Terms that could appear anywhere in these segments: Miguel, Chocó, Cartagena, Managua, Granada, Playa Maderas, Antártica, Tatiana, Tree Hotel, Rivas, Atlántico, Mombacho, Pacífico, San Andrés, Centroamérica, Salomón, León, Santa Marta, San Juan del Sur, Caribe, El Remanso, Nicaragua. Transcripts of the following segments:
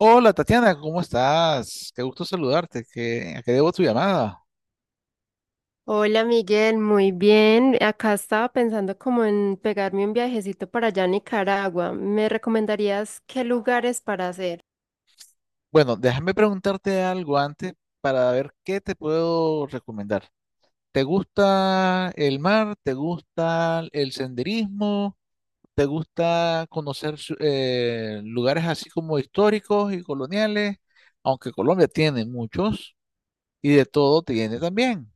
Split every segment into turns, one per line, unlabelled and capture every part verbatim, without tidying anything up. Hola Tatiana, ¿cómo estás? Qué gusto saludarte. ¿Qué, a qué debo tu llamada?
Hola Miguel, muy bien. Acá estaba pensando como en pegarme un viajecito para allá a Nicaragua. ¿Me recomendarías qué lugares para hacer?
Bueno, déjame preguntarte algo antes para ver qué te puedo recomendar. ¿Te gusta el mar? ¿Te gusta el senderismo? ¿Te gusta conocer su- eh, lugares así como históricos y coloniales? Aunque Colombia tiene muchos y de todo tiene también.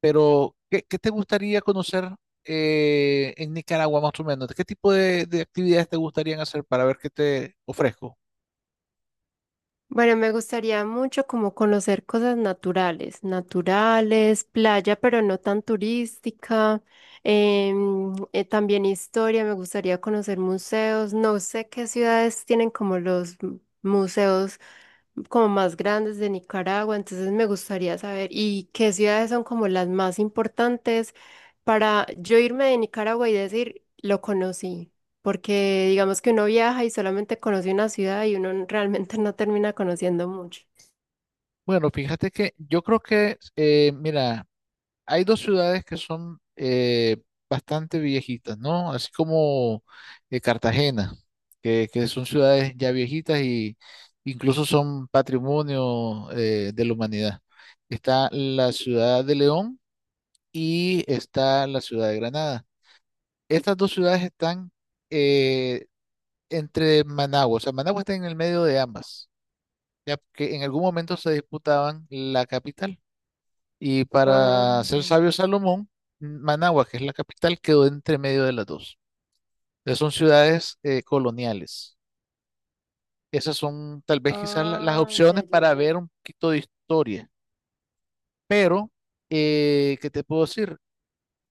Pero, ¿qué, qué te gustaría conocer eh, en Nicaragua más o menos? ¿Qué tipo de, de actividades te gustarían hacer para ver qué te ofrezco?
Bueno, me gustaría mucho como conocer cosas naturales, naturales, playa, pero no tan turística. Em, eh, también historia, me gustaría conocer museos. No sé qué ciudades tienen como los m- museos como más grandes de Nicaragua, entonces me gustaría saber, ¿y qué ciudades son como las más importantes para yo irme de Nicaragua y decir, lo conocí? Porque digamos que uno viaja y solamente conoce una ciudad y uno n- realmente no termina conociendo mucho.
Bueno, fíjate que yo creo que, eh, mira, hay dos ciudades que son eh, bastante viejitas, ¿no? Así como eh, Cartagena, que, que son ciudades ya viejitas y incluso son patrimonio eh, de la humanidad. Está la ciudad de León y está la ciudad de Granada. Estas dos ciudades están eh, entre Managua, o sea, Managua está en el medio de ambas, ya que en algún momento se disputaban la capital. Y
Ah,
para ser
ya.
sabio Salomón, Managua, que es la capital, quedó entre medio de las dos. Entonces son ciudades eh, coloniales. Esas son tal vez quizás la- las
Ah, ya,
opciones
ya,
para
ya.
ver un poquito de historia. Pero, eh, ¿qué te puedo decir?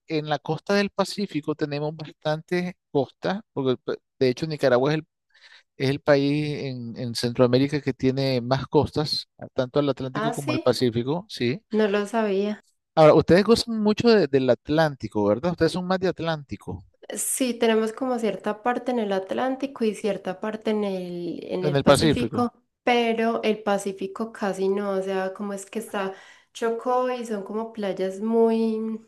En la costa del Pacífico tenemos bastante costa, porque pe- de hecho Nicaragua es el Es el país en, en Centroamérica que tiene más costas, a- tanto al Atlántico
Ah,
como al
sí,
Pacífico, ¿sí?
no lo sabía.
Ahora, ustedes gozan mucho de- del Atlántico, ¿verdad? Ustedes son más de Atlántico,
Sí, tenemos como cierta parte en el Atlántico y cierta parte en el, en
en
el
el Pacífico.
Pacífico, pero el Pacífico casi no, o sea, como es que está Chocó y son como playas muy,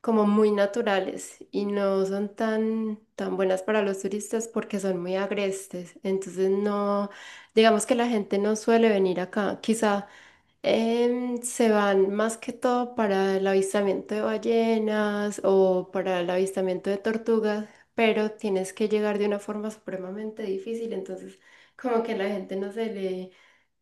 como muy naturales y no son tan, tan buenas para los turistas porque son muy agrestes, entonces no, digamos que la gente no suele venir acá, quizá. Em, se van más que todo para el avistamiento de ballenas o para el avistamiento de tortugas, pero tienes que llegar de una forma supremamente difícil, entonces como que la gente no se le,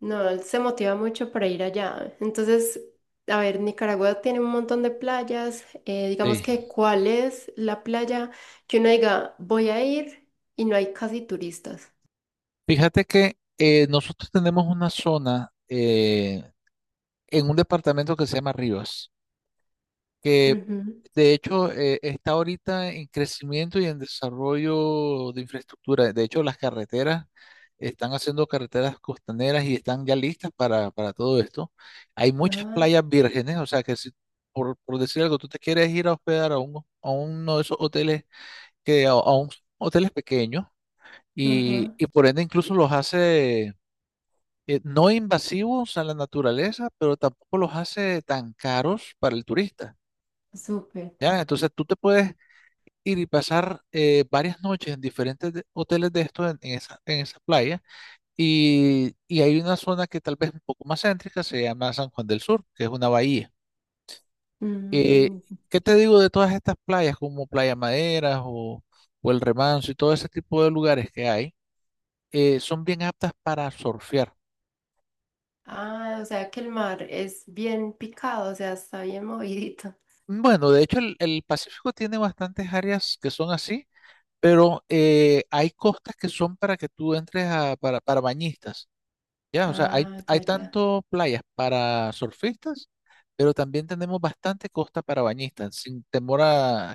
no se motiva mucho para ir allá. Entonces, a ver, Nicaragua tiene un montón de playas, eh, digamos
Sí.
que, ¿cuál es la playa que uno diga voy a ir y no hay casi turistas?
Fíjate que eh, nosotros tenemos una zona eh, en un departamento que se llama Rivas, que
Ujú.
de hecho, eh, está ahorita en crecimiento y en desarrollo de infraestructura. De hecho, las carreteras están haciendo carreteras costaneras y están ya listas para, para todo esto. Hay muchas
Ajá,
playas vírgenes, o sea que si, por, por decir algo, tú te quieres ir a hospedar a, un, a uno de esos hoteles, que, a, a un hoteles pequeños y,
ajá,
y por ende incluso los hace eh, no invasivos a la naturaleza, pero tampoco los hace tan caros para el turista.
súper.
¿Ya? Entonces tú te puedes ir y pasar eh, varias noches en diferentes de- hoteles de estos en, en esa, en esa playa. Y, y hay una zona que tal vez un poco más céntrica, se llama San Juan del Sur, que es una bahía. Eh,
Mm.
¿Qué te digo de todas estas playas, como Playa Maderas o, o El Remanso y todo ese tipo de lugares que hay? Eh, son bien aptas para surfear.
Ah, o sea que el mar es bien picado, o sea, está bien movidito.
Bueno, de hecho el, el Pacífico tiene bastantes áreas que son así, pero eh, hay costas que son para que tú entres a, para, para bañistas. Ya, o sea, hay,
Ah,
hay
ya, ya.
tanto playas para surfistas, pero también tenemos bastante costa para bañistas, sin temor a,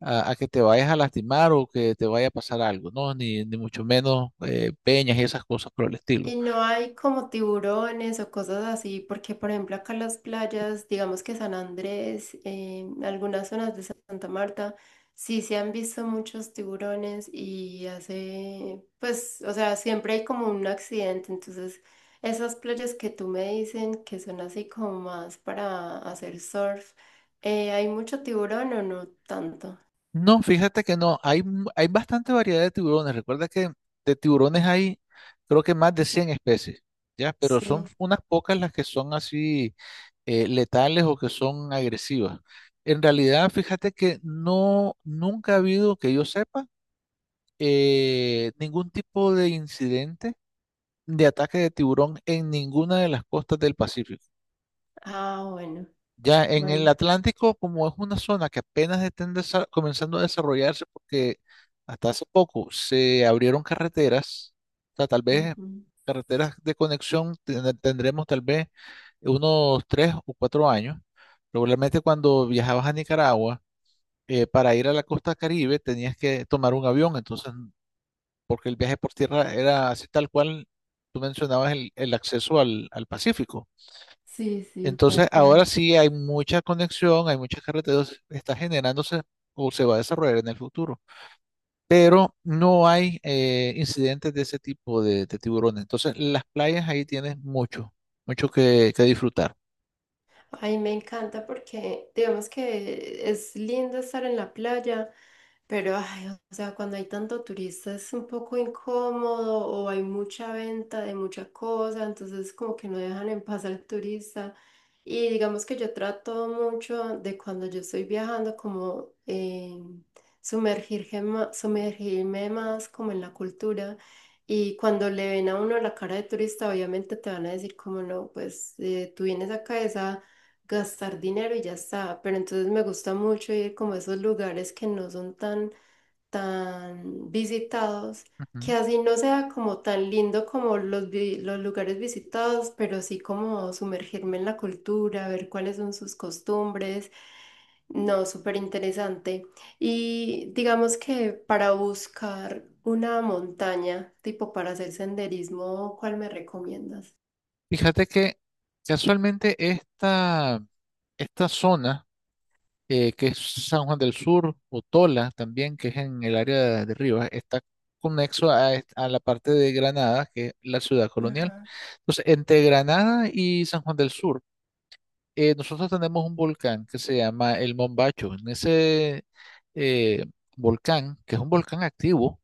a- a que te vayas a lastimar o que te vaya a pasar algo, ¿no? Ni, ni mucho menos eh, peñas y esas cosas por el estilo.
Y no hay como tiburones o cosas así, porque por ejemplo acá en las playas, digamos que San Andrés, eh, algunas zonas de Santa Marta, sí se han visto muchos tiburones y hace, pues, o sea, siempre hay como un accidente. Entonces, esas playas que tú me dicen que son así como más para hacer surf, eh, ¿hay mucho tiburón o no tanto?
No, fíjate que no, hay, mu- hay bastante variedad de tiburones. Recuerda que de tiburones hay creo que más de cien especies, ¿ya? Pero son
Sí.
unas pocas las que son así. Eh, letales o que son agresivas. En realidad, fíjate que no, nunca ha habido, que yo sepa, eh, ningún tipo de incidente de ataque de tiburón en ninguna de las costas del Pacífico.
Ah, bueno,
Ya en el
bueno.
Atlántico, como es una zona que apenas está desa- comenzando a desarrollarse, porque hasta hace poco se abrieron carreteras, o sea, tal vez
Ujú.
carreteras de conexión ten- tendremos tal vez unos tres o cuatro años. Probablemente cuando viajabas a Nicaragua, eh, para ir a la costa Caribe tenías que tomar un avión, entonces, porque el viaje por tierra era así tal cual tú mencionabas el, el acceso al al Pacífico.
Sí, sí,
Entonces,
tal cual.
ahora sí hay mucha conexión, hay muchas carreteras, está generándose o se va a desarrollar en el futuro, pero no hay eh, incidentes de ese tipo de, de tiburones. Entonces, las playas ahí tienes mucho, mucho que, que disfrutar.
Ay, me encanta porque digamos que es lindo estar en la playa. Pero, ay, o sea, cuando hay tanto turista es un poco incómodo o hay mucha venta de mucha cosa, entonces como que no dejan en paz al turista. Y digamos que yo trato mucho de cuando yo estoy viajando como eh, sumergirme, ma- sumergirme más como en la cultura. Y cuando le ven a uno la cara de turista, obviamente te van a decir como no, pues eh, tú vienes acá es a gastar dinero y ya está. Pero entonces me gusta mucho ir como a esos lugares que no son tan tan visitados, que
Ujú.
así no sea como tan lindo como los, vi- los lugares visitados, pero sí como sumergirme en la cultura, ver cuáles son sus costumbres. No, súper interesante. Y digamos que para buscar una montaña, tipo para hacer senderismo, ¿cuál me recomiendas?
Fíjate que casualmente esta, esta zona eh, que es San Juan del Sur, o Tola también, que es en el área de, de Rivas, está conexo a, est- a la parte de Granada, que es la ciudad colonial.
Ajá.
Entonces, entre Granada y San Juan del Sur, eh, nosotros tenemos un volcán que se llama el Mombacho. En ese eh, volcán, que es un volcán activo,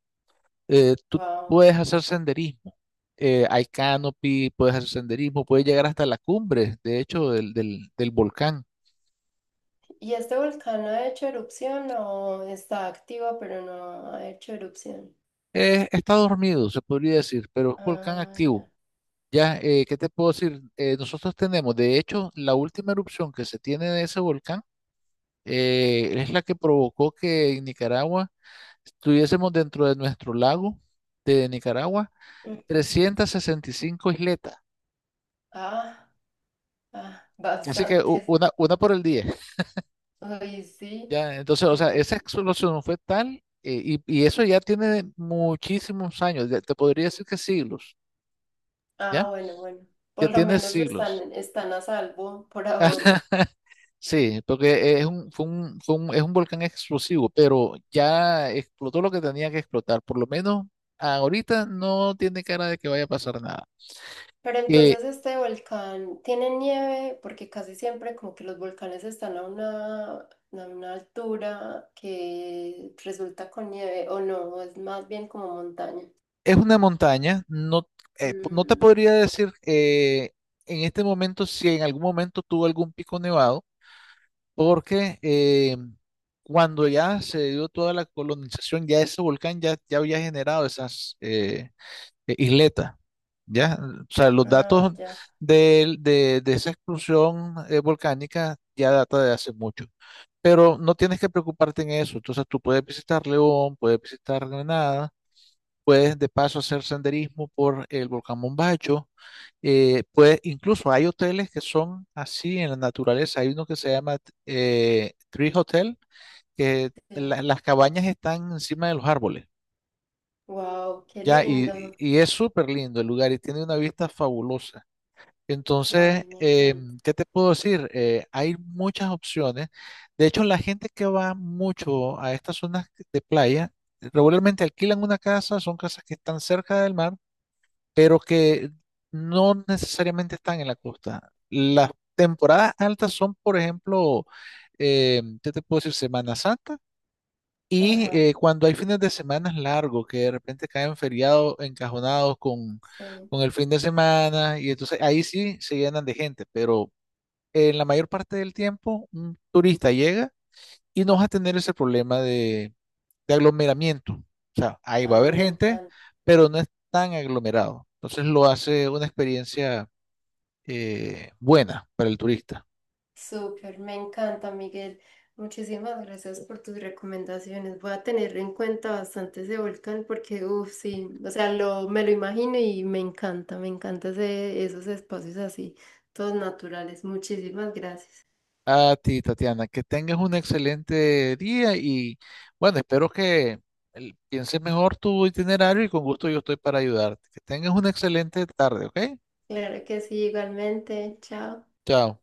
eh, tú
Wow.
puedes hacer senderismo. Eh, hay canopy, puedes hacer senderismo, puedes llegar hasta la cumbre, de hecho, del, del del volcán.
¿Y este volcán ha hecho erupción o está activo pero no ha hecho erupción?
Eh, está dormido, se podría decir, pero es un volcán
Ah,
activo. Ya, eh, ¿qué te puedo decir? Eh, nosotros tenemos, de hecho, la última erupción que se tiene de ese volcán eh, es la que provocó que en Nicaragua estuviésemos dentro de nuestro lago de Nicaragua
ya.
trescientas sesenta y cinco isletas.
Ah, ah,
Así que u-
bastantes.
una, una por el día.
Oye, sí,
Ya, entonces, o
sí,
sea, esa
sí.
explosión fue tal eh, y, y eso ya tiene muchísimos años, ya te podría decir que siglos,
Ah,
¿ya?
bueno, bueno. Por
Ya
lo
tiene
menos
siglos.
están, están a salvo por ahora.
Sí, porque es un, fue un- fue un- es un volcán explosivo, pero ya explotó lo que tenía que explotar. Por lo menos ahorita no tiene cara de que vaya a pasar nada.
Pero
Eh,
entonces este volcán tiene nieve, porque casi siempre como que los volcanes están a una, a una altura que resulta con nieve, o no, o es más bien como montaña.
es una montaña, no, eh, po- no te
Mm,
podría decir eh, en este momento si en algún momento tuvo algún pico nevado, porque eh, cuando ya se dio toda la colonización, ya ese volcán ya, ya había generado esas, eh, eh, isleta, ¿ya? O sea, los
ah,
datos
ya,
del- de, de esa exclusión eh, volcánica ya data de hace mucho, pero no tienes que preocuparte en eso, entonces tú puedes visitar León, puedes visitar Granada, puedes de paso hacer senderismo por el volcán Mombacho, eh, puede- incluso hay hoteles que son así en la naturaleza. Hay uno que se llama eh, Tree Hotel, que
sí.
la- las cabañas están encima de los árboles.
Wow, qué
Ya,
lindo.
y, y es súper lindo el lugar y tiene una vista fabulosa.
Ay,
Entonces,
me
eh,
encanta.
¿qué te puedo decir? Eh, hay muchas opciones. De hecho, la gente que va mucho a estas zonas de playa, regularmente alquilan una casa, son casas que están cerca del mar, pero que no necesariamente están en la costa. Las temporadas altas son, por ejemplo, eh, ¿qué te puedo decir? Semana Santa y
Ajá,
eh, cuando hay fines de semana largos, que de repente caen feriados encajonados con,
sí.
con el fin de semana, y entonces ahí sí se llenan de gente, pero en la mayor parte del tiempo un turista llega y no va a tener ese problema de, de aglomeramiento. O sea, ahí va a
Ay,
haber
me
gente,
encanta.
pero no es tan aglomerado. Entonces lo hace una experiencia eh, buena para el turista.
Súper, me encanta, Miguel. Muchísimas gracias por tus recomendaciones. Voy a tener en cuenta bastante ese volcán porque, uff, sí, o sea, lo, me lo imagino y me encanta, me encanta ese- esos espacios así, todos naturales. Muchísimas gracias.
A ti, Tatiana, que tengas un excelente día y bueno, espero que el- pienses mejor tu itinerario y con gusto yo estoy para ayudarte. Que tengas una excelente tarde, ¿ok?
Claro que sí, igualmente. Chao.
Chao.